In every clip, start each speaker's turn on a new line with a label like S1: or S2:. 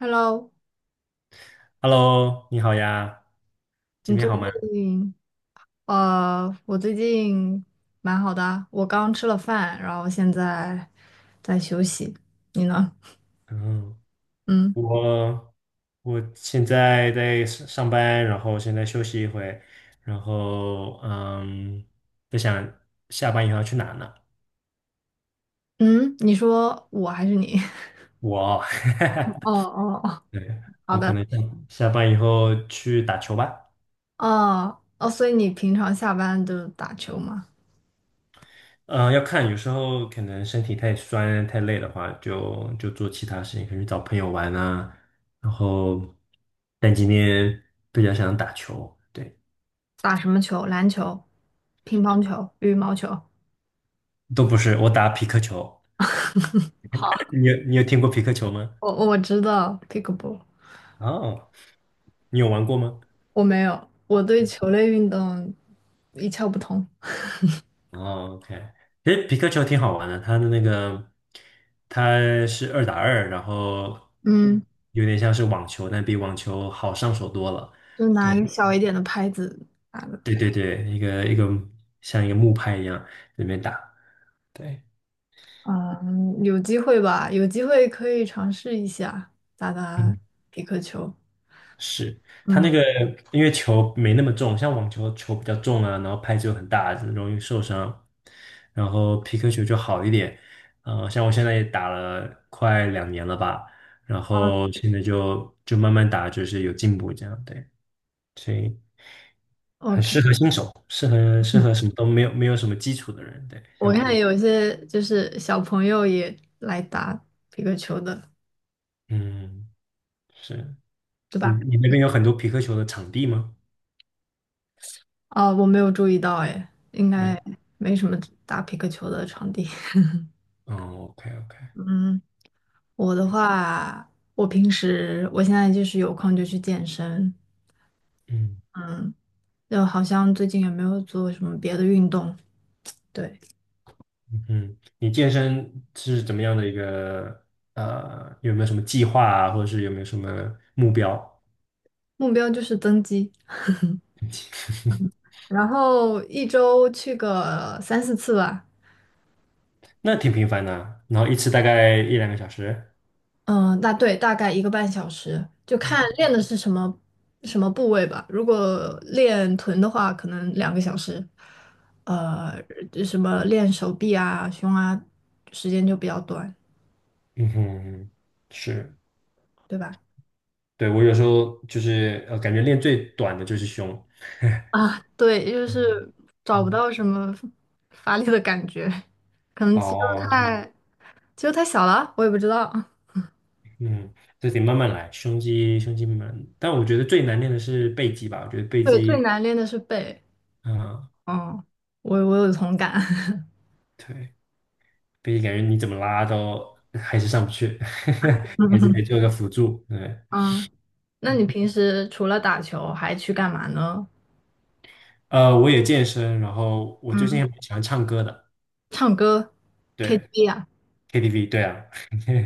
S1: Hello，
S2: Hello，你好呀，今
S1: 你
S2: 天
S1: 最
S2: 好吗？
S1: 近呃，我最近蛮好的啊，我刚吃了饭，然后现在在休息。你呢？
S2: 嗯，
S1: 嗯
S2: 我我现在在上班，然后现在休息一会，然后在想下班以后要去哪呢？
S1: 嗯，你说我还是你？
S2: 我，
S1: 哦哦哦，
S2: 对，
S1: 好
S2: 我可
S1: 的。
S2: 能下班以后去打球吧。
S1: 哦哦，所以你平常下班就打球吗？
S2: 嗯、要看，有时候可能身体太酸太累的话，就做其他事情，可能去找朋友玩啊。然后，但今天比较想打球，对。
S1: 打什么球？篮球、乒乓球、羽毛球。
S2: 都不是，我打皮克球。
S1: 好，
S2: 你有听过皮克球吗？
S1: 我知道 pickleball，
S2: 哦，你有玩过吗？
S1: 我没有，我对球类运动一窍不通。
S2: 哦，OK,其实皮克球挺好玩的，它的那个它是2打2，然后
S1: 嗯，
S2: 有点像是网球，但比网球好上手多了。
S1: 就拿一
S2: 对
S1: 个小一点的拍子打的。
S2: 对对对，一个像一个木拍一样里面打。对，
S1: 嗯，有机会吧，有机会可以尝试一下打打
S2: 嗯。
S1: 匹克球。
S2: 是它那
S1: 嗯
S2: 个，因为球没那么重，像网球比较重啊，然后拍子又很大，容易受伤。然后皮克球就好一点，像我现在也打了快2年了吧，然后现在就慢慢打，就是有进步这样，对，所以很
S1: ，OK，
S2: 适合新手，适合什么都没有什么基础的人，对，
S1: 我
S2: 像我一
S1: 看
S2: 样，
S1: 有一些就是小朋友也来打匹克球的，
S2: 嗯，是，
S1: 对
S2: 你
S1: 吧？
S2: 你那边有很多皮克球的场地吗？
S1: 啊，我没有注意到，哎，应
S2: 没，
S1: 该没什么打匹克球的场地。
S2: 哦，OK OK，
S1: 嗯，我的话，我平时我现在就是有空就去健身，
S2: 嗯。
S1: 嗯，就好像最近也没有做什么别的运动，对，
S2: 嗯，你健身是怎么样的一个有没有什么计划啊，或者是有没有什么目标？
S1: 目标就是增肌。然后一周去个三四次吧，
S2: 那挺频繁的啊然后一次大概一两个小时。
S1: 嗯，大概一个半小时，就看
S2: 嗯
S1: 练的是什么部位吧。如果练臀的话，可能两个小时，呃，就什么练手臂啊、胸啊，时间就比较短，
S2: 嗯哼，是，
S1: 对吧？
S2: 对，我有时候就是感觉练最短的就是胸。
S1: 啊，对，就
S2: 嗯
S1: 是找不
S2: 嗯
S1: 到什么发力的感觉，可能肌肉
S2: 哦，
S1: 太肌肉太小了，我也不知道。
S2: 嗯，这得慢慢来，胸肌慢慢，但我觉得最难练的是背肌吧，我觉得背
S1: 对，最
S2: 肌，
S1: 难练的是背，
S2: 嗯，
S1: 嗯，我有同感。
S2: 对。毕竟感觉你怎么拉都还是上不去，还是 得做个辅助。对，
S1: 嗯。那你平时除了打球还去干嘛呢？
S2: 我也健身，然后我最近
S1: 嗯，
S2: 也蛮喜欢唱歌的，
S1: 唱歌、
S2: 对
S1: KTV 啊？
S2: ，KTV，对啊，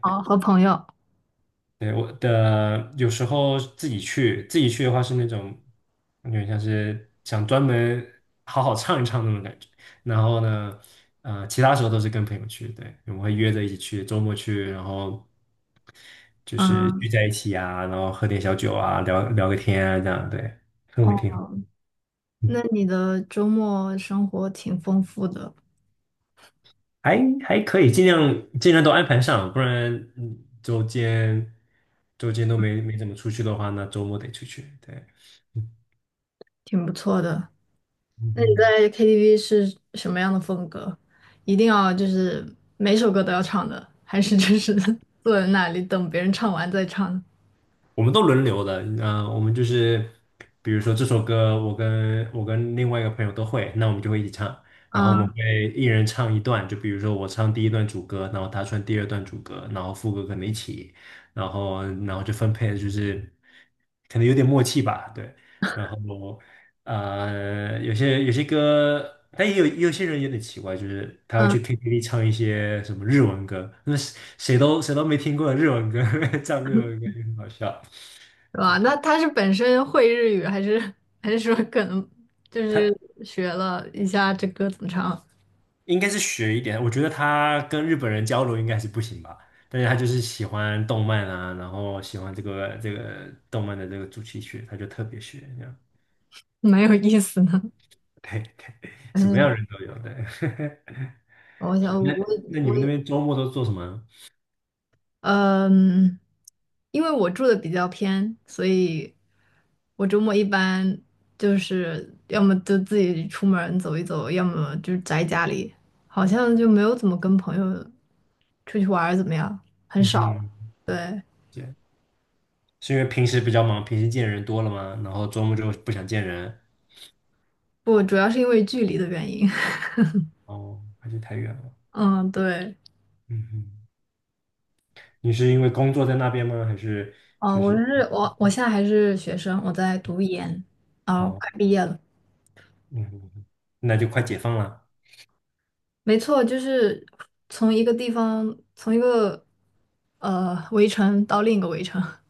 S1: 哦，和朋友。
S2: 对我的有时候自己去的话是那种有点像是想专门好好唱一唱那种感觉。然后呢，其他时候都是跟朋友去，对，我们会约着一起去，周末去，然后就是聚
S1: 嗯，
S2: 在一起啊，然后喝点小酒啊，聊聊个天啊，这样，对，氛围挺好。
S1: 哦，那你的周末生活挺丰富的，
S2: 还还可以，尽量都安排上，不然周间都没怎么出去的话，那周末得出去。对，嗯
S1: 挺不错的。那你
S2: 嗯。
S1: 在 KTV 是什么样的风格？一定要就是每首歌都要唱的，还是就是 坐在那里等别人唱完再唱，
S2: 我们都轮流的，我们就是比如说这首歌，我跟另外一个朋友都会，那我们就会一起唱，然后我们
S1: 嗯
S2: 会一人唱一段，就比如说我唱第一段主歌，然后他唱第二段主歌，然后副歌可能一起，然后就分配，就是可能有点默契吧，对，然后有些歌。但也有些人有点奇怪，就是他会
S1: 嗯，
S2: 去 KTV 唱一些什么日文歌，那谁都没听过的日文歌，唱日文歌也很好笑。
S1: 是吧？
S2: 对，
S1: 那他是本身会日语，还是说可能就是
S2: 他
S1: 学了一下这歌怎么唱？
S2: 应该是学一点，我觉得他跟日本人交流应该是不行吧，但是他就是喜欢动漫啊，然后喜欢这个动漫的这个主题曲，他就特别学这样。
S1: 蛮有意思的。
S2: 对对，什么样
S1: 嗯，
S2: 的人都有，对，
S1: 我 想
S2: 是。那
S1: 我
S2: 那你
S1: 我
S2: 们那边周末都做什么？
S1: 嗯，因为我住的比较偏，所以我周末一般就是要么就自己出门儿走一走，要么就是宅家里，好像就没有怎么跟朋友出去玩儿怎么样？很
S2: 嗯
S1: 少了，
S2: 哼，
S1: 对，
S2: 这样是因为平时比较忙，平时见人多了吗？然后周末就不想见人，
S1: 不，主要是因为距离的原因。
S2: 哦，还是太远了。
S1: 嗯，对。
S2: 嗯哼，你是因为工作在那边吗？还是
S1: 哦，
S2: 就
S1: 我
S2: 是
S1: 是我，我现在还是学生，我在读研，哦，
S2: 哦，
S1: 快毕业了。
S2: 嗯哼，那就快解放了。
S1: 没错，就是从一个呃围城到另一个围城。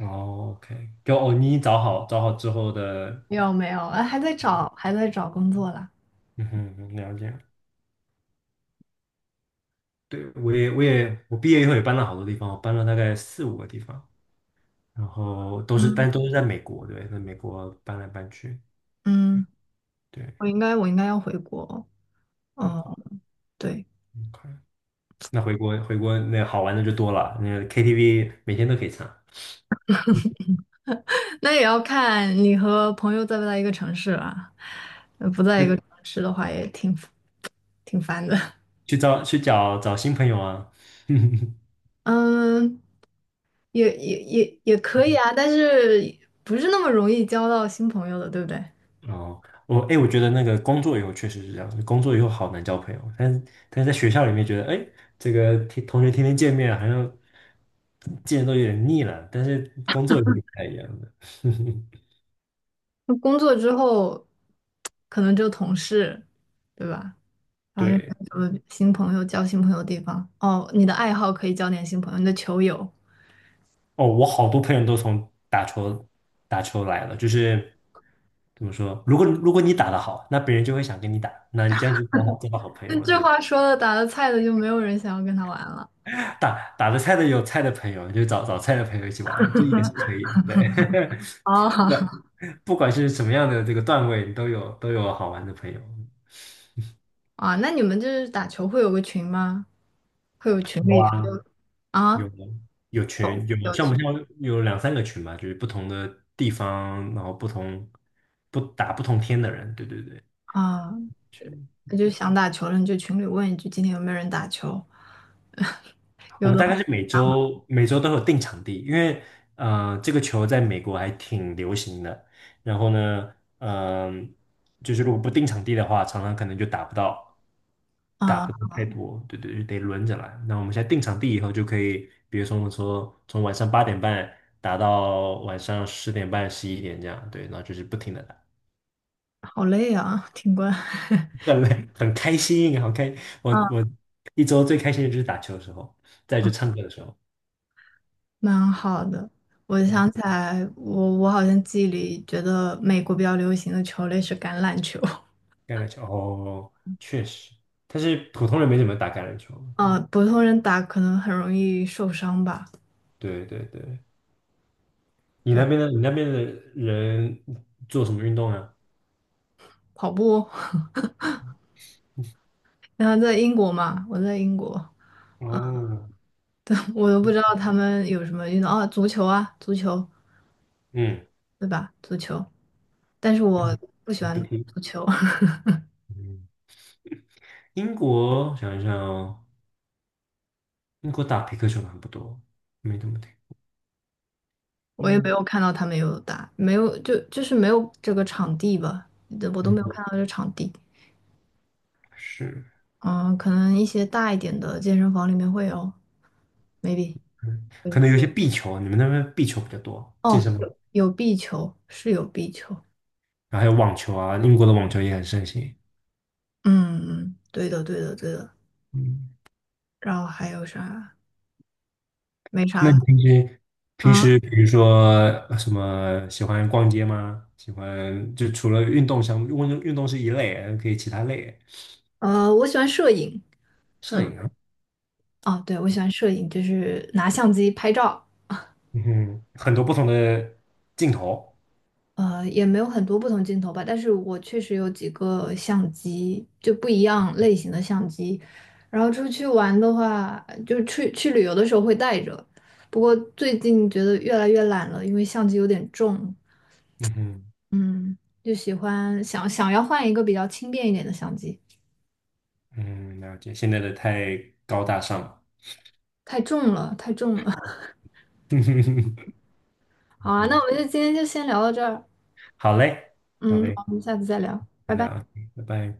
S2: 哦，OK，就哦，你找好之后的，
S1: 没有，哎，还在找工作啦。
S2: 嗯哼，了解。对，我毕业以后也搬了好多地方，我搬了大概四五个地方，然后但都是在美国，对，在美国搬来搬去，嗯，
S1: 嗯，
S2: 对，
S1: 我应该要回国。
S2: 回国
S1: 哦，对，
S2: ，OK，那回国那好玩的就多了，那 KTV 每天都可以唱，
S1: 那也要看你和朋友在不在一个城市啦。呃，不在一个
S2: 嗯
S1: 城市的话，也挺烦的。
S2: 去找新朋友啊，
S1: 嗯，也可以啊，但是不是那么容易交到新朋友的，对不对？
S2: 哦，我哎、诶我觉得那个工作以后确实是这样，工作以后好难交朋友，但是在学校里面觉得，哎、这个天同学天天见面，好像见都有点腻了，但是工作以后就不太一样了。
S1: 那工作之后，可能就同事，对吧？然后又没
S2: 对，
S1: 有很多新朋友，交新朋友的地方？哦，你的爱好可以交点新朋友，你的球友。
S2: 哦，我好多朋友都从打球来了，就是怎么说，如果你打得好，那别人就会想跟你打，那你这样就刚好交到好朋友
S1: 那
S2: 了，
S1: 这
S2: 对，不
S1: 话
S2: 对？
S1: 说的，打的菜的就没有人想要跟他玩了。
S2: 打得菜的有菜的朋友，就找菜的朋友一起玩，这也是可以的，对。
S1: 哦，
S2: 不管是什么样的这个段位，都有好玩的朋友。
S1: 啊，那你们就是打球会有个群吗？会有群
S2: 有
S1: 里
S2: 啊，
S1: 啊？
S2: 有有群，有
S1: 有
S2: 像我
S1: 群
S2: 们现在有两三个群吧，就是不同的地方，然后不同天的人，对对对，
S1: 啊？
S2: 群。
S1: 那就想打球了，你就群里问一句，今天有没有人打球？
S2: 我们大概是每周都有定场地，因为这个球在美国还挺流行的，然后呢，就是如果不定场地的话，常常可能就打不到，打
S1: 啊，
S2: 不到太多，对对，就得轮着来。那我们现在定场地以后就可以，比如说我们说从晚上8点半打到晚上10点半、11点这样，对，然后就是不停的打，
S1: 好累啊，挺官。
S2: 很累，很开心，好开。我
S1: 啊。
S2: 我一周最开心的就是打球的时候，再就唱歌的时候，
S1: 蛮好的。我
S2: 嗯，
S1: 想起来，我好像记忆里觉得美国比较流行的球类是橄榄球。
S2: 橄榄球哦，确实，但是普通人没怎么打橄榄球。
S1: 啊，普通人打可能很容易受伤吧。
S2: 对对对，你那
S1: 对，
S2: 边的你那边的人做什么运动啊？
S1: 跑步。然后在英国嘛，我在英国，
S2: 哦，
S1: 我都不知道他们有什么运动啊，足球，
S2: 嗯，
S1: 对吧？足球，但是我
S2: 嗯，
S1: 不喜
S2: 你不
S1: 欢
S2: 听，
S1: 足球。
S2: 嗯英国想一想，哦，英国打皮克球的还不多，没怎么听。
S1: 我也没
S2: 英
S1: 有看到他们有打，没有就就是没有这个场地吧，我都没有
S2: 嗯
S1: 看到这场地。
S2: 是，
S1: 嗯，可能一些大一点的健身房里面会有，maybe。
S2: 嗯，可
S1: 嗯，
S2: 能有一些壁球啊，你们那边壁球比较多，健
S1: 哦，
S2: 身房，
S1: 有壁球，是有壁球。
S2: 然后还有网球啊，英国的网球也很盛行。
S1: 嗯，对的对的对的。
S2: 嗯，
S1: 然后还有啥？没
S2: 那你
S1: 啥。
S2: 平时平
S1: 啊，
S2: 时比如说什么喜欢逛街吗？喜欢就除了运动项目，运动是一类，还可以其他类。
S1: 呃，我喜欢摄影。
S2: 摄
S1: 嗯，
S2: 影啊，
S1: 哦，对，我喜欢摄影，就是拿相机拍照。
S2: 很多不同的镜头，
S1: 呃，也没有很多不同镜头吧，但是我确实有几个相机，就不一样类型的相机。然后出去玩的话，就去旅游的时候会带着，不过最近觉得越来越懒了，因为相机有点重，
S2: 嗯哼，
S1: 嗯，就喜欢想要换一个比较轻便一点的相机，
S2: 嗯，了解。现在的太高大上了。
S1: 太重了，太重了。
S2: 哼哼
S1: 好啊，那
S2: 哼
S1: 我们就今天就先聊到这儿，
S2: 好嘞，好
S1: 嗯，
S2: 嘞，
S1: 我们下次再聊，拜
S2: 再
S1: 拜。
S2: 聊啊，拜拜。